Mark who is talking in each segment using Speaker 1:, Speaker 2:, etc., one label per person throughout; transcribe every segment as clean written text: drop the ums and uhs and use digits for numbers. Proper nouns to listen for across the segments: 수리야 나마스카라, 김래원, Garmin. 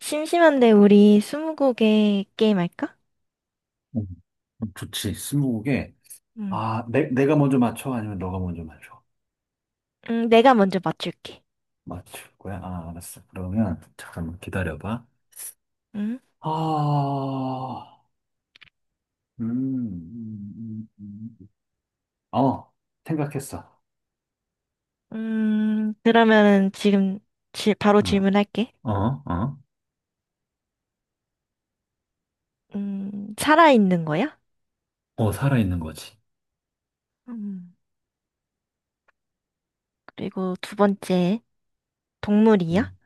Speaker 1: 심심한데 우리 스무고개 게임 할까?
Speaker 2: 음, 좋지. 스무고개.
Speaker 1: 응.
Speaker 2: 아, 내가 먼저 맞춰? 아니면 너가 먼저 맞춰?
Speaker 1: 응, 내가 먼저 맞출게.
Speaker 2: 맞출 거야? 아, 알았어. 그러면 잠깐만 기다려봐.
Speaker 1: 응?
Speaker 2: 아, 음, 음, 음, 음. 어, 생각했어.
Speaker 1: 그러면은 지금 바로
Speaker 2: 어,
Speaker 1: 질문할게.
Speaker 2: 어, 어,
Speaker 1: 살아있는 거야?
Speaker 2: 어, 살아있는 거지.
Speaker 1: 음, 그리고 두 번째, 동물이야?
Speaker 2: 음.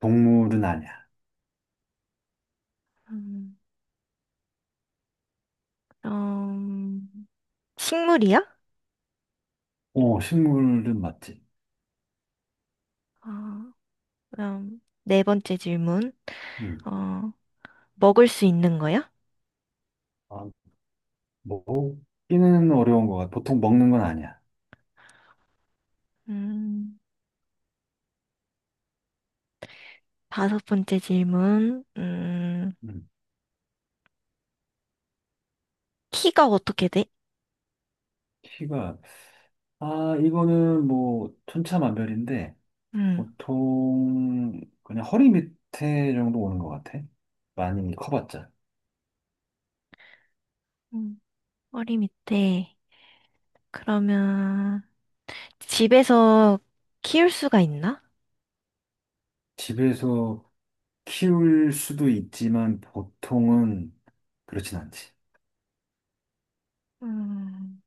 Speaker 2: 동물은 아니야.
Speaker 1: 음, 음, 식물이야?
Speaker 2: 어, 식물은 맞지.
Speaker 1: 어, 그럼 네 번째 질문.
Speaker 2: 음.
Speaker 1: 어, 먹을 수 있는 거야?
Speaker 2: 아, 먹기는 어려운 거 같아. 보통 먹는 건 아니야.
Speaker 1: 음, 다섯 번째 질문.
Speaker 2: 음.
Speaker 1: 키가 어떻게 돼?
Speaker 2: 키가, 아, 이거는 뭐, 천차만별인데,
Speaker 1: 음.
Speaker 2: 보통 그냥 허리 밑에 정도 오는 것 같아. 많이 커봤자.
Speaker 1: 허리 밑에. 그러면 집에서 키울 수가 있나?
Speaker 2: 집에서 키울 수도 있지만 보통은 그렇진 않지.
Speaker 1: 음,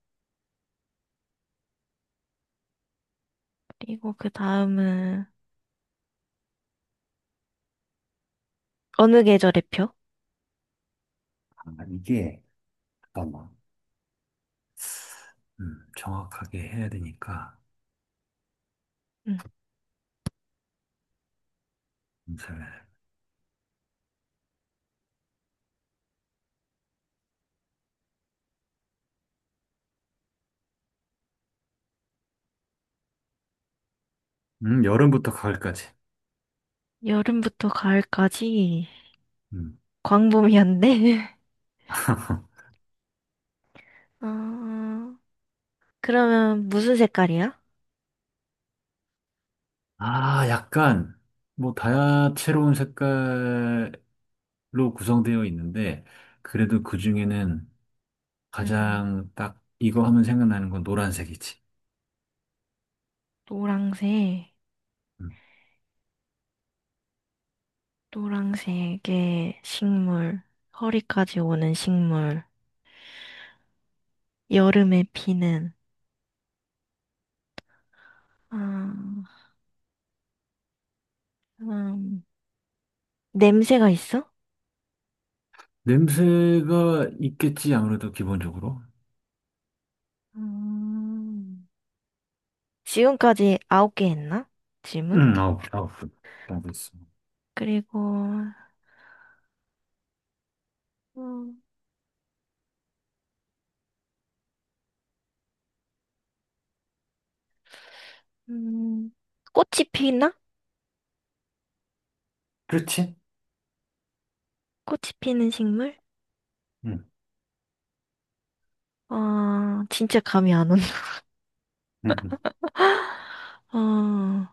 Speaker 1: 그리고 그 다음은 어느 계절의 표?
Speaker 2: 아, 이게 잠깐만 정확하게 해야 되니까
Speaker 1: 음,
Speaker 2: 잠시만요. 여름부터 가을까지.
Speaker 1: 여름부터 가을까지
Speaker 2: 음.
Speaker 1: 광범위한데. 어, 그러면 무슨 색깔이야?
Speaker 2: 아 약간 뭐 다채로운 색깔로 구성되어 있는데 그래도 그 중에는
Speaker 1: 음,
Speaker 2: 가장 딱 이거 하면 생각나는 건 노란색이지.
Speaker 1: 노랑색,
Speaker 2: 음.
Speaker 1: 노랑색의 식물, 허리까지 오는 식물, 여름에 피는. 아, 음, 냄새가 있어?
Speaker 2: 냄새가 있겠지, 아무래도 기본적으로.
Speaker 1: 음. 지금까지 아홉 개 했나? 질문?
Speaker 2: 응, 아홉 분정 있어.
Speaker 1: 그리고, 음, 음, 꽃이 피나?
Speaker 2: 그렇지?
Speaker 1: 꽃이 피는 식물?
Speaker 2: 응,
Speaker 1: 어, 진짜 감이 안 온다.
Speaker 2: 응. 응.
Speaker 1: 어, 음,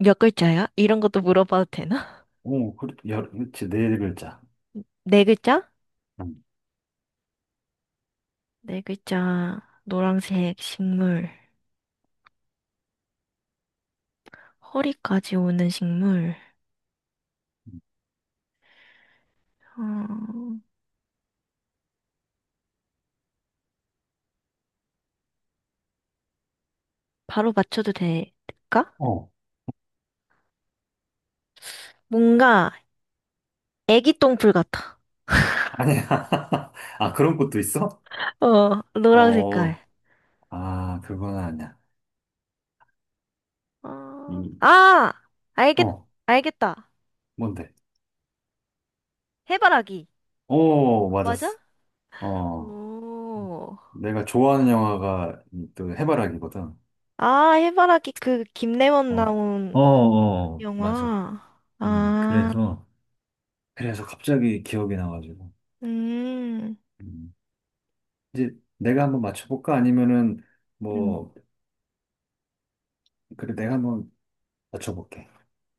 Speaker 1: 몇 글자야? 이런 것도 물어봐도 되나?
Speaker 2: 오, 열, 그렇지, 네 글자.
Speaker 1: 네 글자?
Speaker 2: 응.
Speaker 1: 네 글자, 노란색 식물, 허리까지 오는 식물,
Speaker 2: 응.
Speaker 1: 어, 바로 맞춰도 될까?
Speaker 2: 어,
Speaker 1: 뭔가 애기 똥풀 같아.
Speaker 2: 아니야. 아, 그런 것도 있어?
Speaker 1: 노란 색깔.
Speaker 2: 어, 아, 그건 아니야.
Speaker 1: 아,
Speaker 2: 이,
Speaker 1: 아! 알겠,
Speaker 2: 어,
Speaker 1: 알겠다.
Speaker 2: 뭔데?
Speaker 1: 해바라기.
Speaker 2: 오,
Speaker 1: 맞아?
Speaker 2: 맞았어. 어,
Speaker 1: 오.
Speaker 2: 내가 좋아하는 영화가 이또 해바라기거든.
Speaker 1: 아, 해바라기 그 김래원
Speaker 2: 어,
Speaker 1: 나온
Speaker 2: 어, 어, 맞아.
Speaker 1: 영화.
Speaker 2: 음,
Speaker 1: 아,
Speaker 2: 그래서, 그래서 갑자기 기억이 나가지고.
Speaker 1: 음.
Speaker 2: 음. 이제 내가 한번 맞춰볼까? 아니면은
Speaker 1: 음.
Speaker 2: 뭐 그래 내가 한번 맞춰볼게.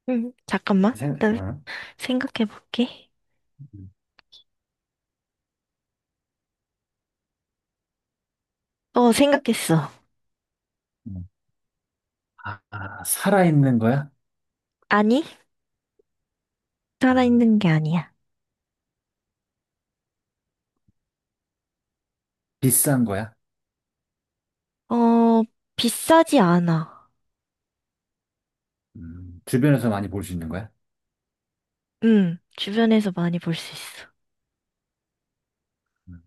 Speaker 1: 잠깐만. 나
Speaker 2: 어?
Speaker 1: 생각해 볼게.
Speaker 2: 음,
Speaker 1: 생각했어.
Speaker 2: 음. 아, 아, 살아있는 거야?
Speaker 1: 아니,
Speaker 2: 아,
Speaker 1: 살아있는 게 아니야.
Speaker 2: 비싼 거야?
Speaker 1: 어, 비싸지 않아.
Speaker 2: 주변에서 많이 볼 수 있는 거야?
Speaker 1: 주변에서 많이 볼 수 있어.
Speaker 2: 음,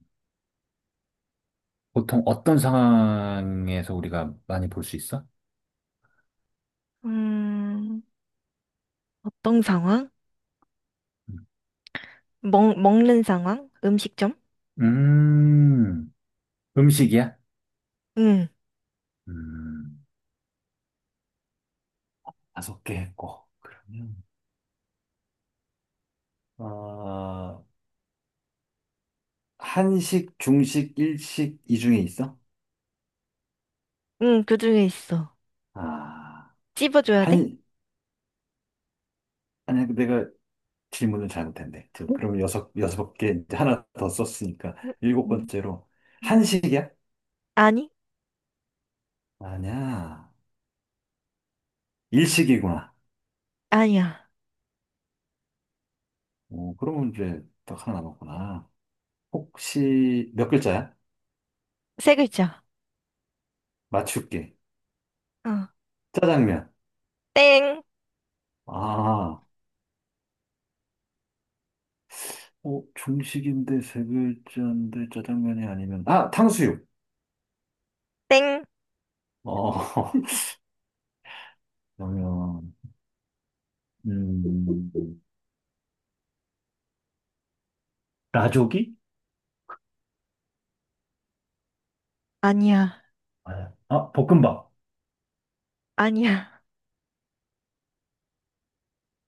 Speaker 2: 보통 어떤 상황에서 우리가 많이 볼 수 있어?
Speaker 1: 음, 어떤 상황?
Speaker 2: 음,
Speaker 1: 먹는 상황? 음식점?
Speaker 2: 음, 음식이야?
Speaker 1: 응.
Speaker 2: 음, 다섯 개 했고 그러면 어, 한식, 중식, 일식 이 중에 있어?
Speaker 1: 응, 그 중에 있어.
Speaker 2: 아,
Speaker 1: 찝어줘야 돼?
Speaker 2: 한 아니, 내가 질문을 잘못했네. 저,
Speaker 1: 응,
Speaker 2: 그럼 여섯 개, 이제 하나 더 썼으니까.
Speaker 1: 응,
Speaker 2: 일곱
Speaker 1: 응
Speaker 2: 번째로.
Speaker 1: 응.
Speaker 2: 한식이야?
Speaker 1: 아니?
Speaker 2: 아니야. 일식이구나.
Speaker 1: 아니야.
Speaker 2: 오, 그러면 이제 딱 하나 남았구나. 혹시 몇 글자야?
Speaker 1: 세 글자.
Speaker 2: 맞출게.
Speaker 1: 어.
Speaker 2: 짜장면.
Speaker 1: 땡,
Speaker 2: 아, 중식인데 세 글자인데 짜장면이 아니면, 아, 탕수육.
Speaker 1: 땡.
Speaker 2: 어, 그러면, 음, 라조기
Speaker 1: 아니야.
Speaker 2: 아, 아, 볶음밥.
Speaker 1: 아니야.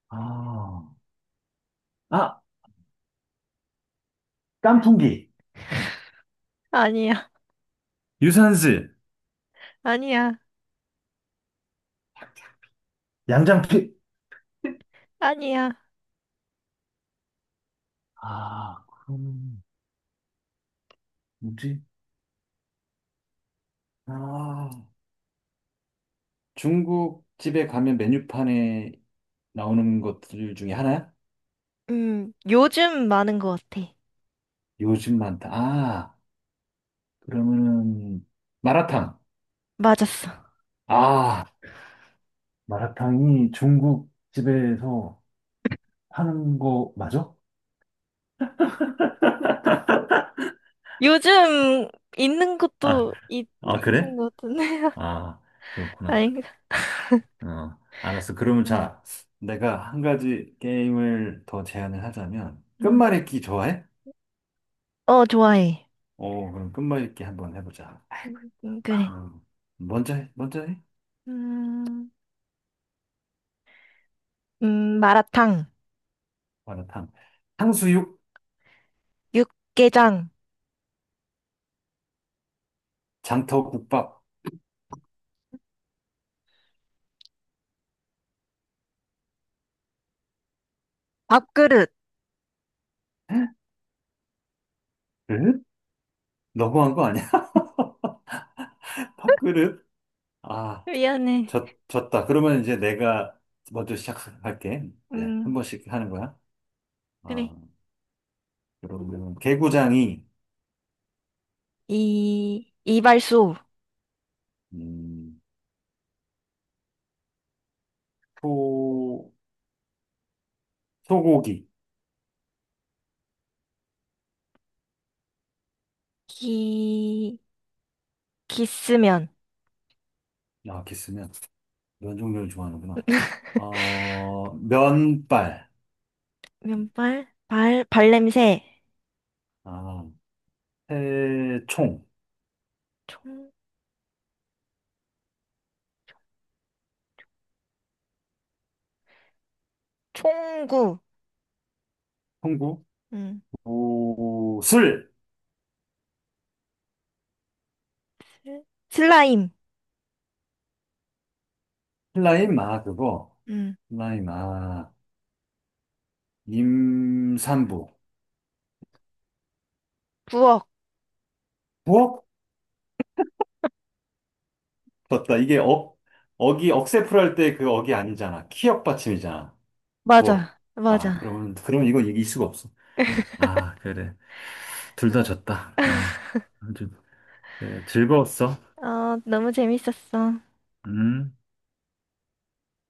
Speaker 2: 아, 아, 깐풍기.
Speaker 1: 아니야.
Speaker 2: 유산슬.
Speaker 1: 아니야.
Speaker 2: 양장피.
Speaker 1: 아니야.
Speaker 2: 아, 그럼 뭐지? 아, 중국 집에 가면 메뉴판에 나오는 것들 중에 하나야?
Speaker 1: 요즘 많은 것 같아.
Speaker 2: 요즘 많다. 아, 그러면은 마라탕.
Speaker 1: 맞았어.
Speaker 2: 아, 마라탕이 중국 집에서 하는 거 맞아?
Speaker 1: 요즘 있는
Speaker 2: 아,
Speaker 1: 것도 있,
Speaker 2: 아, 그래?
Speaker 1: 있는 것 같은데.
Speaker 2: 아, 그렇구나.
Speaker 1: 아닌가?
Speaker 2: 어, 알았어. 그러면
Speaker 1: 응
Speaker 2: 자, 내가 한 가지 게임을 더 제안을 하자면
Speaker 1: 음.
Speaker 2: 끝말잇기 좋아해?
Speaker 1: 어, 좋아해.
Speaker 2: 오, 그럼 끝말 잇기 한번 해보자.
Speaker 1: 그래.
Speaker 2: 음, 먼저 해, 먼저 해.
Speaker 1: 음, 마라탕,
Speaker 2: 마라탕. 탕수육,
Speaker 1: 육개장,
Speaker 2: 장터국밥.
Speaker 1: 밥그릇.
Speaker 2: 그릇? 너무한 거 아니야? 밥그릇? 아,
Speaker 1: 미안해.
Speaker 2: 졌다. 그러면 이제 내가 먼저 시작할게. 네, 한
Speaker 1: 음.
Speaker 2: 번씩 하는 거야.
Speaker 1: 그래.
Speaker 2: 아, 그러면 개구장이,
Speaker 1: 이발소.
Speaker 2: 음, 소, 소고기.
Speaker 1: 기, 기스면.
Speaker 2: 아, 이렇게 쓰면 면 종류를 좋아하는구나. 어, 면발.
Speaker 1: 면발, 발, 발냄새.
Speaker 2: 아, 새총.
Speaker 1: 총, 총구.
Speaker 2: 통구.
Speaker 1: 음.
Speaker 2: 구슬,
Speaker 1: 슬- 슬라임.
Speaker 2: 신라인 마, 그거.
Speaker 1: 음.
Speaker 2: 신라인 마, 임산부.
Speaker 1: 부엌.
Speaker 2: 부엌? 떴다. 이게 억이, 억세풀 할 때 그 억이 아니잖아. 키역 받침이잖아. 부엌.
Speaker 1: 맞아.
Speaker 2: 아,
Speaker 1: 맞아.
Speaker 2: 그러면 이건 이길 수가 없어. 아, 그래. 둘 다 졌다. 어. 아주, 그래. 즐거웠어.
Speaker 1: 어, 너무 재밌었어.
Speaker 2: 음.